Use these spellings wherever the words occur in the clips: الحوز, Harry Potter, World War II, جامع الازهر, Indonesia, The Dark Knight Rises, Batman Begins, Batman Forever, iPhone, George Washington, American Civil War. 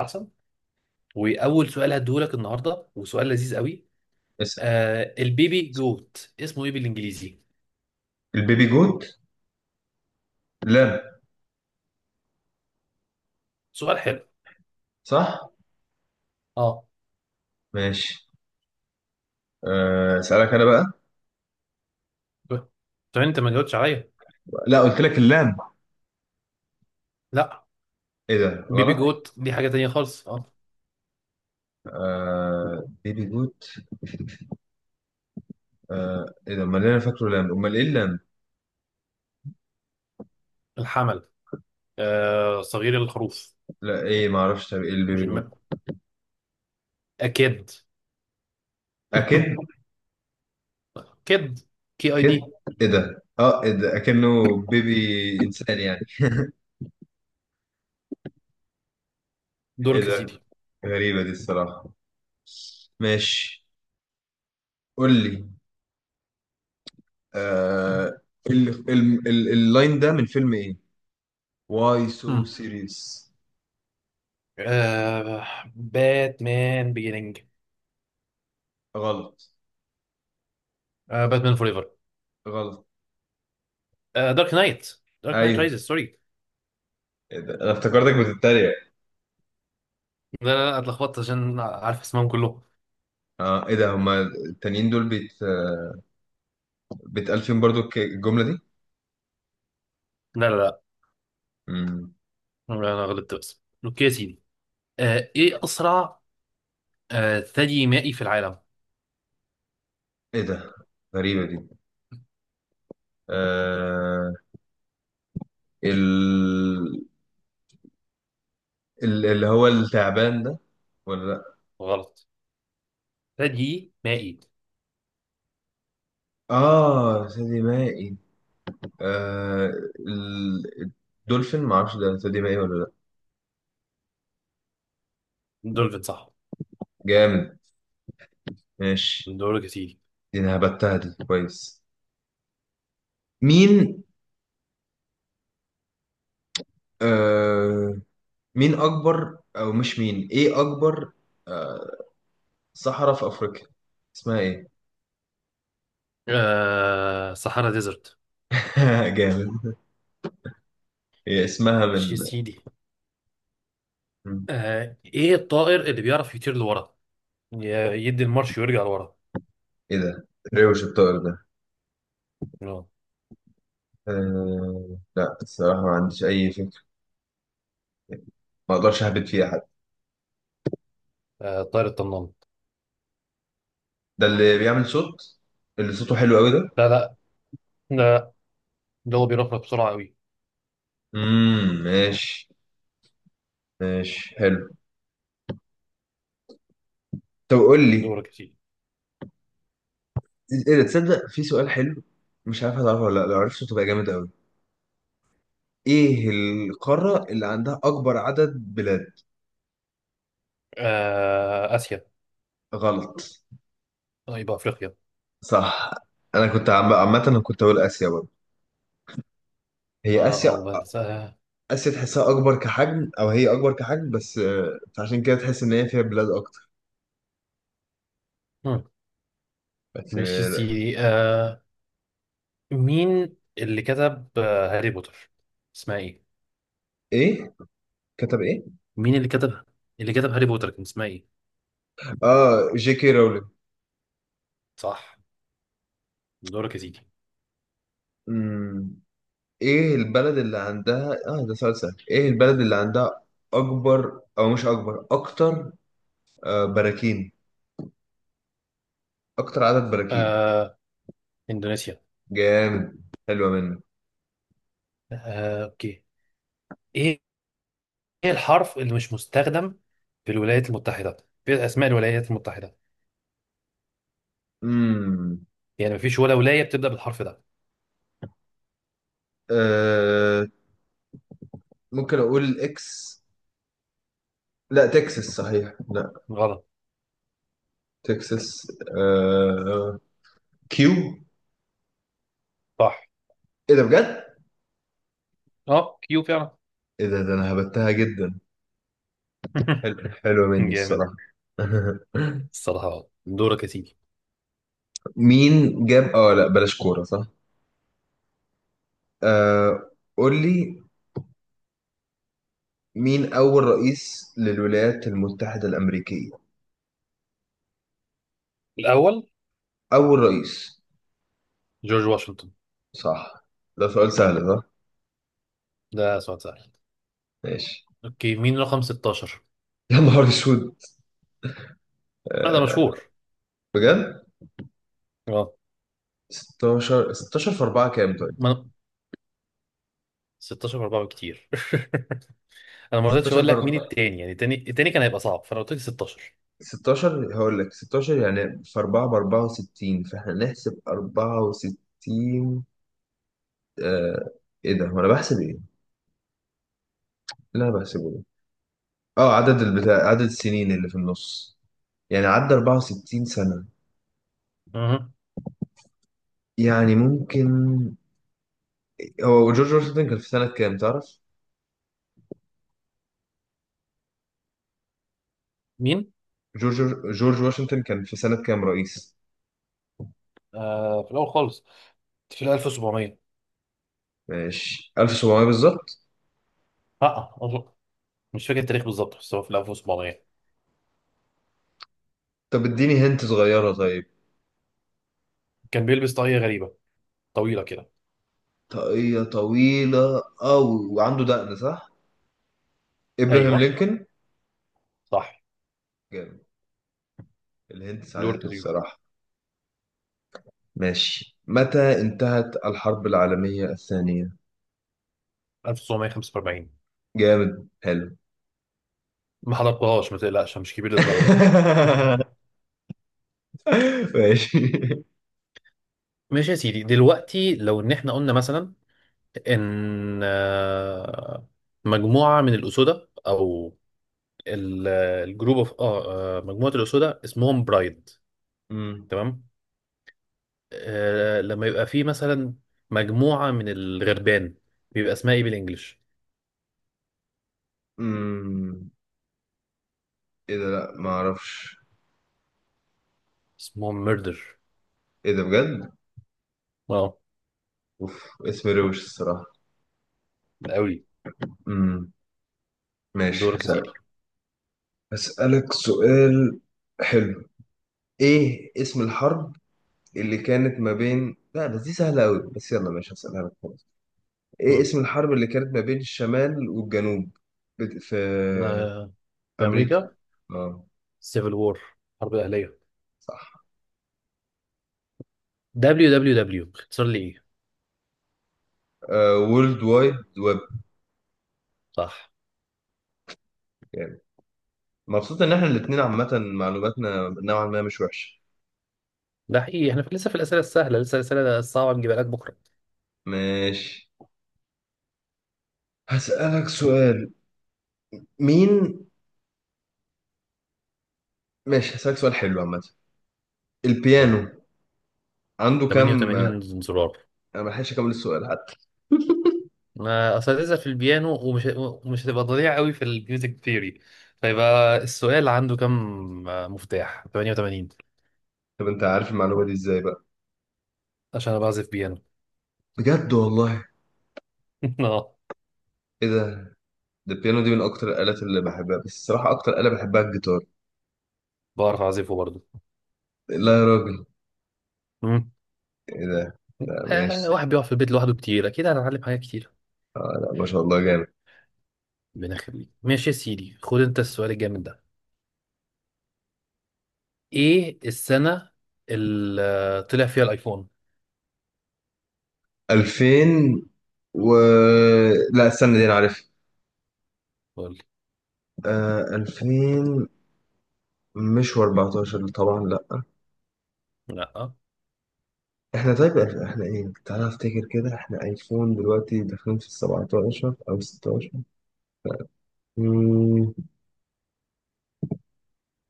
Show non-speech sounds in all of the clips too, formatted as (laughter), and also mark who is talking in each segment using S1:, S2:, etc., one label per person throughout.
S1: احسن. واول سؤال هديهولك النهارده، وسؤال لذيذ قوي.
S2: اسأل.
S1: البيبي جوت اسمه ايه بالانجليزي؟
S2: البيبي جوت؟ لام.
S1: سؤال حلو.
S2: صح.
S1: اه
S2: ماشي. آه، اسألك انا بقى.
S1: طب انت ما جاوبتش عليا.
S2: لا، قلت لك اللام.
S1: لا.
S2: ايه ده؟
S1: بيبي
S2: غلط؟
S1: جوت دي حاجه تانية خالص. اه
S2: آه، بيبي جوت. آه، ايه ده؟ امال إيه؟ انا فاكره لام، امال ايه اللام؟
S1: الحمل. صغير الخروف.
S2: لا، ايه؟ ما اعرفش. طب ايه
S1: مش
S2: البيبي جوت؟
S1: الم... اكيد.
S2: اكيد.
S1: (laughs) كيد. كي اي
S2: كد؟
S1: دي.
S2: ايه ده؟ اه ايه ده؟ اكنه بيبي انسان يعني. ايه
S1: دورك يا
S2: ده؟
S1: سيدي.
S2: غريبة دي الصراحة. ماشي، قول لي. آه، اللاين ده من فيلم ايه؟ واي سو
S1: مم.
S2: سيريس.
S1: باتمان بيجيننج.
S2: غلط.
S1: باتمان فور ايفر.
S2: غلط.
S1: دارك نايت. دارك نايت
S2: ايوه.
S1: رايزز، سوري.
S2: إيه ده؟ انا افتكرتك بتتريق.
S1: لا لا لا، اتلخبطت عشان عارف اسمهم كلهم.
S2: اه ايه ده، هما التانيين دول بيت بيتقال فيهم برضو الجملة دي؟
S1: لا لا لا.
S2: مم.
S1: لا، انا غلطت بس. اوكي يا سيدي. ايه اسرع؟ ثدي مائي في العالم.
S2: ايه ده؟ غريبة دي. آه، ال... اللي هو التعبان ده، ولا لا؟
S1: غلط. ثدي مائي.
S2: اه، ثدي مائي. آه، ال... الدولفين معرفش ده ثدي مائي ولا لا.
S1: دولفين صح.
S2: جامد. ماشي،
S1: دورك يا سيدي.
S2: دي انا هبتها دي كويس. مين؟ آه، مين اكبر؟ او مش مين، ايه اكبر؟ آه، صحراء في أفريقيا اسمها إيه؟
S1: صحراء ديزرت.
S2: (laughs) جامد. هي اسمها
S1: مش يا
S2: من
S1: سيدي.
S2: من-
S1: ايه الطائر اللي بيعرف يطير لورا، يدي المارش ويرجع لورا؟
S2: إيه ده؟ ريوش الطائر ده؟
S1: آه.
S2: لا، الصراحة ما عنديش أي فكرة. ما أقدرش أهبط فيها حد.
S1: الطائر الطنان.
S2: ده اللي بيعمل صوت، اللي صوته حلو أوي ده؟
S1: لا لا لا. ده هو بيرفرف بسرعة قوي.
S2: امم، ماشي. ماشي، حلو. طب قول لي،
S1: دورك يا سيدي.
S2: إيه ده؟ تصدق في سؤال حلو؟ مش عارف هتعرفه ولا لا، لو عرفته تبقى جامد أوي. إيه القارة اللي عندها أكبر عدد بلاد؟
S1: اسيا.
S2: غلط.
S1: طيب افريقيا.
S2: صح. أنا كنت عامة أنا كنت أقول آسيا برضه.
S1: ما
S2: هي آسيا.
S1: بس.
S2: اسيا تحسها اكبر كحجم، او هي اكبر كحجم بس، آه، فعشان كده تحس ان هي فيها بلاد اكتر.
S1: آه.
S2: بس
S1: ماشي يا
S2: آه،
S1: سيدي. مين اللي كتب هاري بوتر، اسمها ايه؟
S2: ايه كتب ايه؟
S1: مين اللي كتب، اللي كتب هاري بوتر كان اسمها ايه؟
S2: اه، جي كي رولينج.
S1: صح. دورك يا سيدي.
S2: أمم، ايه البلد اللي عندها اه ده سؤال سهل. ايه البلد اللي عندها اكبر، او مش اكبر، اكتر آه براكين؟ اكتر عدد براكين.
S1: آه اندونيسيا.
S2: جامد. حلوه منك.
S1: اوكي. ايه، إيه الحرف اللي مش مستخدم في الولايات المتحدة، في اسماء الولايات المتحدة؟
S2: امم،
S1: يعني مفيش ولا ولاية بتبدأ بالحرف ده.
S2: آه، ممكن اقول اكس. لا، تكساس. صحيح، لا
S1: غلط.
S2: تكساس. آه، كيو.
S1: صح.
S2: ايه ده بجد؟
S1: اه كيو فعلا.
S2: ايه ده، ده انا هبتها جدا.
S1: (laughs)
S2: حلو، حلوة مني
S1: جامد.
S2: الصراحة. (laughs)
S1: الصراحة آه. دورك يا سيدي.
S2: مين جاب اه، لا بلاش كورة. صح. آه، قول لي، مين أول رئيس للولايات المتحدة الأمريكية؟
S1: الاول.
S2: أول رئيس.
S1: جورج واشنطن.
S2: صح. ده سؤال سهل، صح.
S1: ده سؤال سهل.
S2: ماشي.
S1: اوكي، مين رقم 16؟
S2: (laughs) يا نهار اسود.
S1: هذا
S2: آه،
S1: مشهور.
S2: بجد؟
S1: اه.
S2: 16، 16 في 4 كام طيب؟
S1: ما 16 4 بكتير. (laughs) انا ما رضيتش
S2: 16
S1: اقول
S2: في
S1: لك مين
S2: 4.
S1: التاني، يعني التاني التاني كان هيبقى صعب، فانا قلت لك 16.
S2: 16، هقول لك 16 يعني في 4 ب 64، فاحنا نحسب 64. آه، ايه ده، هو انا بحسب ايه؟ لا، بحسبه ده. اه، عدد البتاع، عدد السنين اللي في النص. يعني عدى 64 سنة،
S1: اها.
S2: يعني ممكن. هو جورج واشنطن كان في سنة كام تعرف؟
S1: مين؟
S2: جورج، جورج واشنطن كان في سنة كام رئيس؟
S1: في الاول خالص، في ال 1700.
S2: ماشي، 1700 بالظبط.
S1: اه أظن- مش فاكر التاريخ بالظبط بس هو في ال 1700.
S2: طب اديني هنت صغيرة طيب.
S1: كان بيلبس طاقية غريبة طويلة كده.
S2: طاقية طويلة أوي وعنده دقن، صح؟ إبراهام
S1: ايوه،
S2: لينكولن.
S1: صح.
S2: جامد. الهنت
S1: دور
S2: ساعدتني
S1: كتير.
S2: الصراحة. ماشي، متى انتهت الحرب العالمية الثانية؟
S1: 1945.
S2: جامد، حلو.
S1: ما حضرتهاش، ما تقلقش، مش كبير للدرجة. (laughs)
S2: (laughs) (laughs) ماشي.
S1: ماشي يا سيدي. دلوقتي لو ان احنا قلنا مثلا ان مجموعة من الأسودة، او ال- الجروب اوف مجموعه الاسودة اسمهم برايد.
S2: امم،
S1: تمام. لما يبقى في مثلا مجموعه من الغربان، بيبقى اسمها ايه بالانجلش؟
S2: امم، ايه ده؟ لا، ما اعرفش.
S1: اسمهم ميردر.
S2: ايه ده بجد؟
S1: اه.
S2: اوف، اسم روش الصراحة.
S1: ده قوي.
S2: امم، ماشي.
S1: دورك يا سيدي.
S2: هسألك سؤال حلو. ايه اسم الحرب اللي كانت ما بين، لا بس دي سهلة قوي، بس يلا ماشي هسألها لك خلاص. ايه
S1: مم.
S2: اسم الحرب اللي كانت ما بين الشمال والجنوب في
S1: أنا في
S2: امريكا؟
S1: امريكا.
S2: اه،
S1: سيفل وور، حرب اهليه.
S2: صح.
S1: دبليو دبليو دبليو اختصار لي ايه؟
S2: وورلد وايد ويب
S1: صح.
S2: يعني. مبسوط ان احنا الاتنين عامة معلوماتنا نوعا ما مش وحشة.
S1: ده حقيقي، احنا لسه في الاسئله السهله، لسه الاسئله الصعبه نجيبها لك بكره.
S2: ماشي، هسألك سؤال. مين؟ ماشي، هسألك سؤال حلو عامة.
S1: قول لي.
S2: البيانو عنده كام؟
S1: 88 زرار.
S2: انا ما لحقتش اكمل السؤال حتى.
S1: ما اساتذه في البيانو، ومش هتبقى ضليع قوي في الميوزك ثيوري، فيبقى السؤال عنده كم مفتاح. 88.
S2: طب انت عارف المعلومة دي ازاي بقى؟
S1: عشان انا بعزف بيانو.
S2: بجد والله؟
S1: (laughs) اه
S2: ايه ده. ده البيانو دي من اكتر الآلات اللي بحبها، بس الصراحة اكتر آلة بحبها الجيتار.
S1: بعرف اعزفه برضه.
S2: لا يا راجل.
S1: مم.
S2: ايه ده؟ لا، ماشي.
S1: آه، واحد بيقعد في البيت لوحده كتير اكيد هنتعلم حاجات كتير.
S2: لا، ما شاء الله، جامد.
S1: ربنا يخليك. ماشي يا سيدي، خد انت السؤال الجامد ده. ايه السنه اللي طلع فيها الايفون؟
S2: 2000 و، لا استنى دي انا عارف.
S1: قول لي.
S2: آه، 2000، مش و14 طبعا، لا.
S1: لا.
S2: احنا طيب احنا إحنا ايه، تعالى افتكر كده، احنا ايفون دلوقتي داخلين في السبعتاشر او ستاشر. مم،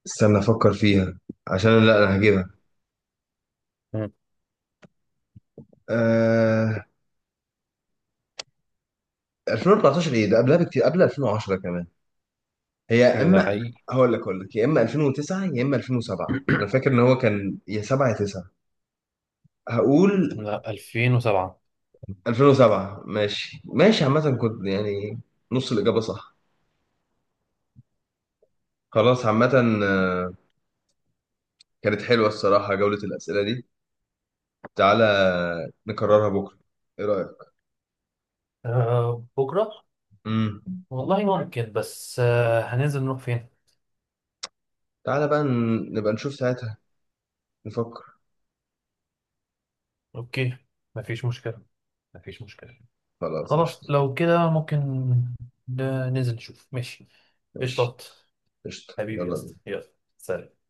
S2: استنى افكر فيها، عشان لا انا هجيبها.
S1: مم.
S2: آه... 2014 ايه ده، قبلها بكتير، قبل 2010 كمان. هي يا
S1: لا
S2: اما،
S1: حقيقي.
S2: هقول لك، هقول لك يا اما 2009 يا اما 2007. انا
S1: (clears throat)
S2: فاكر ان هو كان يا 7 يا 9. هقول
S1: لا 2007.
S2: 2007. ماشي، ماشي، عامة كنت يعني نص الإجابة صح، خلاص عامة. آه، كانت حلوة الصراحة جولة الأسئلة دي. تعالى نكررها بكرة، ايه رأيك؟
S1: بكرة.
S2: امم،
S1: والله ممكن، بس هننزل نروح فين؟
S2: تعالى بقى نبقى نشوف ساعتها، نفكر.
S1: اوكي. مفيش مشكلة، مفيش مشكلة.
S2: خلاص
S1: خلاص
S2: قشطة.
S1: لو كده ممكن ننزل نشوف، ماشي.
S2: ماشي،
S1: قشطات.
S2: قشطة،
S1: حبيبي يا
S2: يلا.
S1: اسطى، يلا. سلام.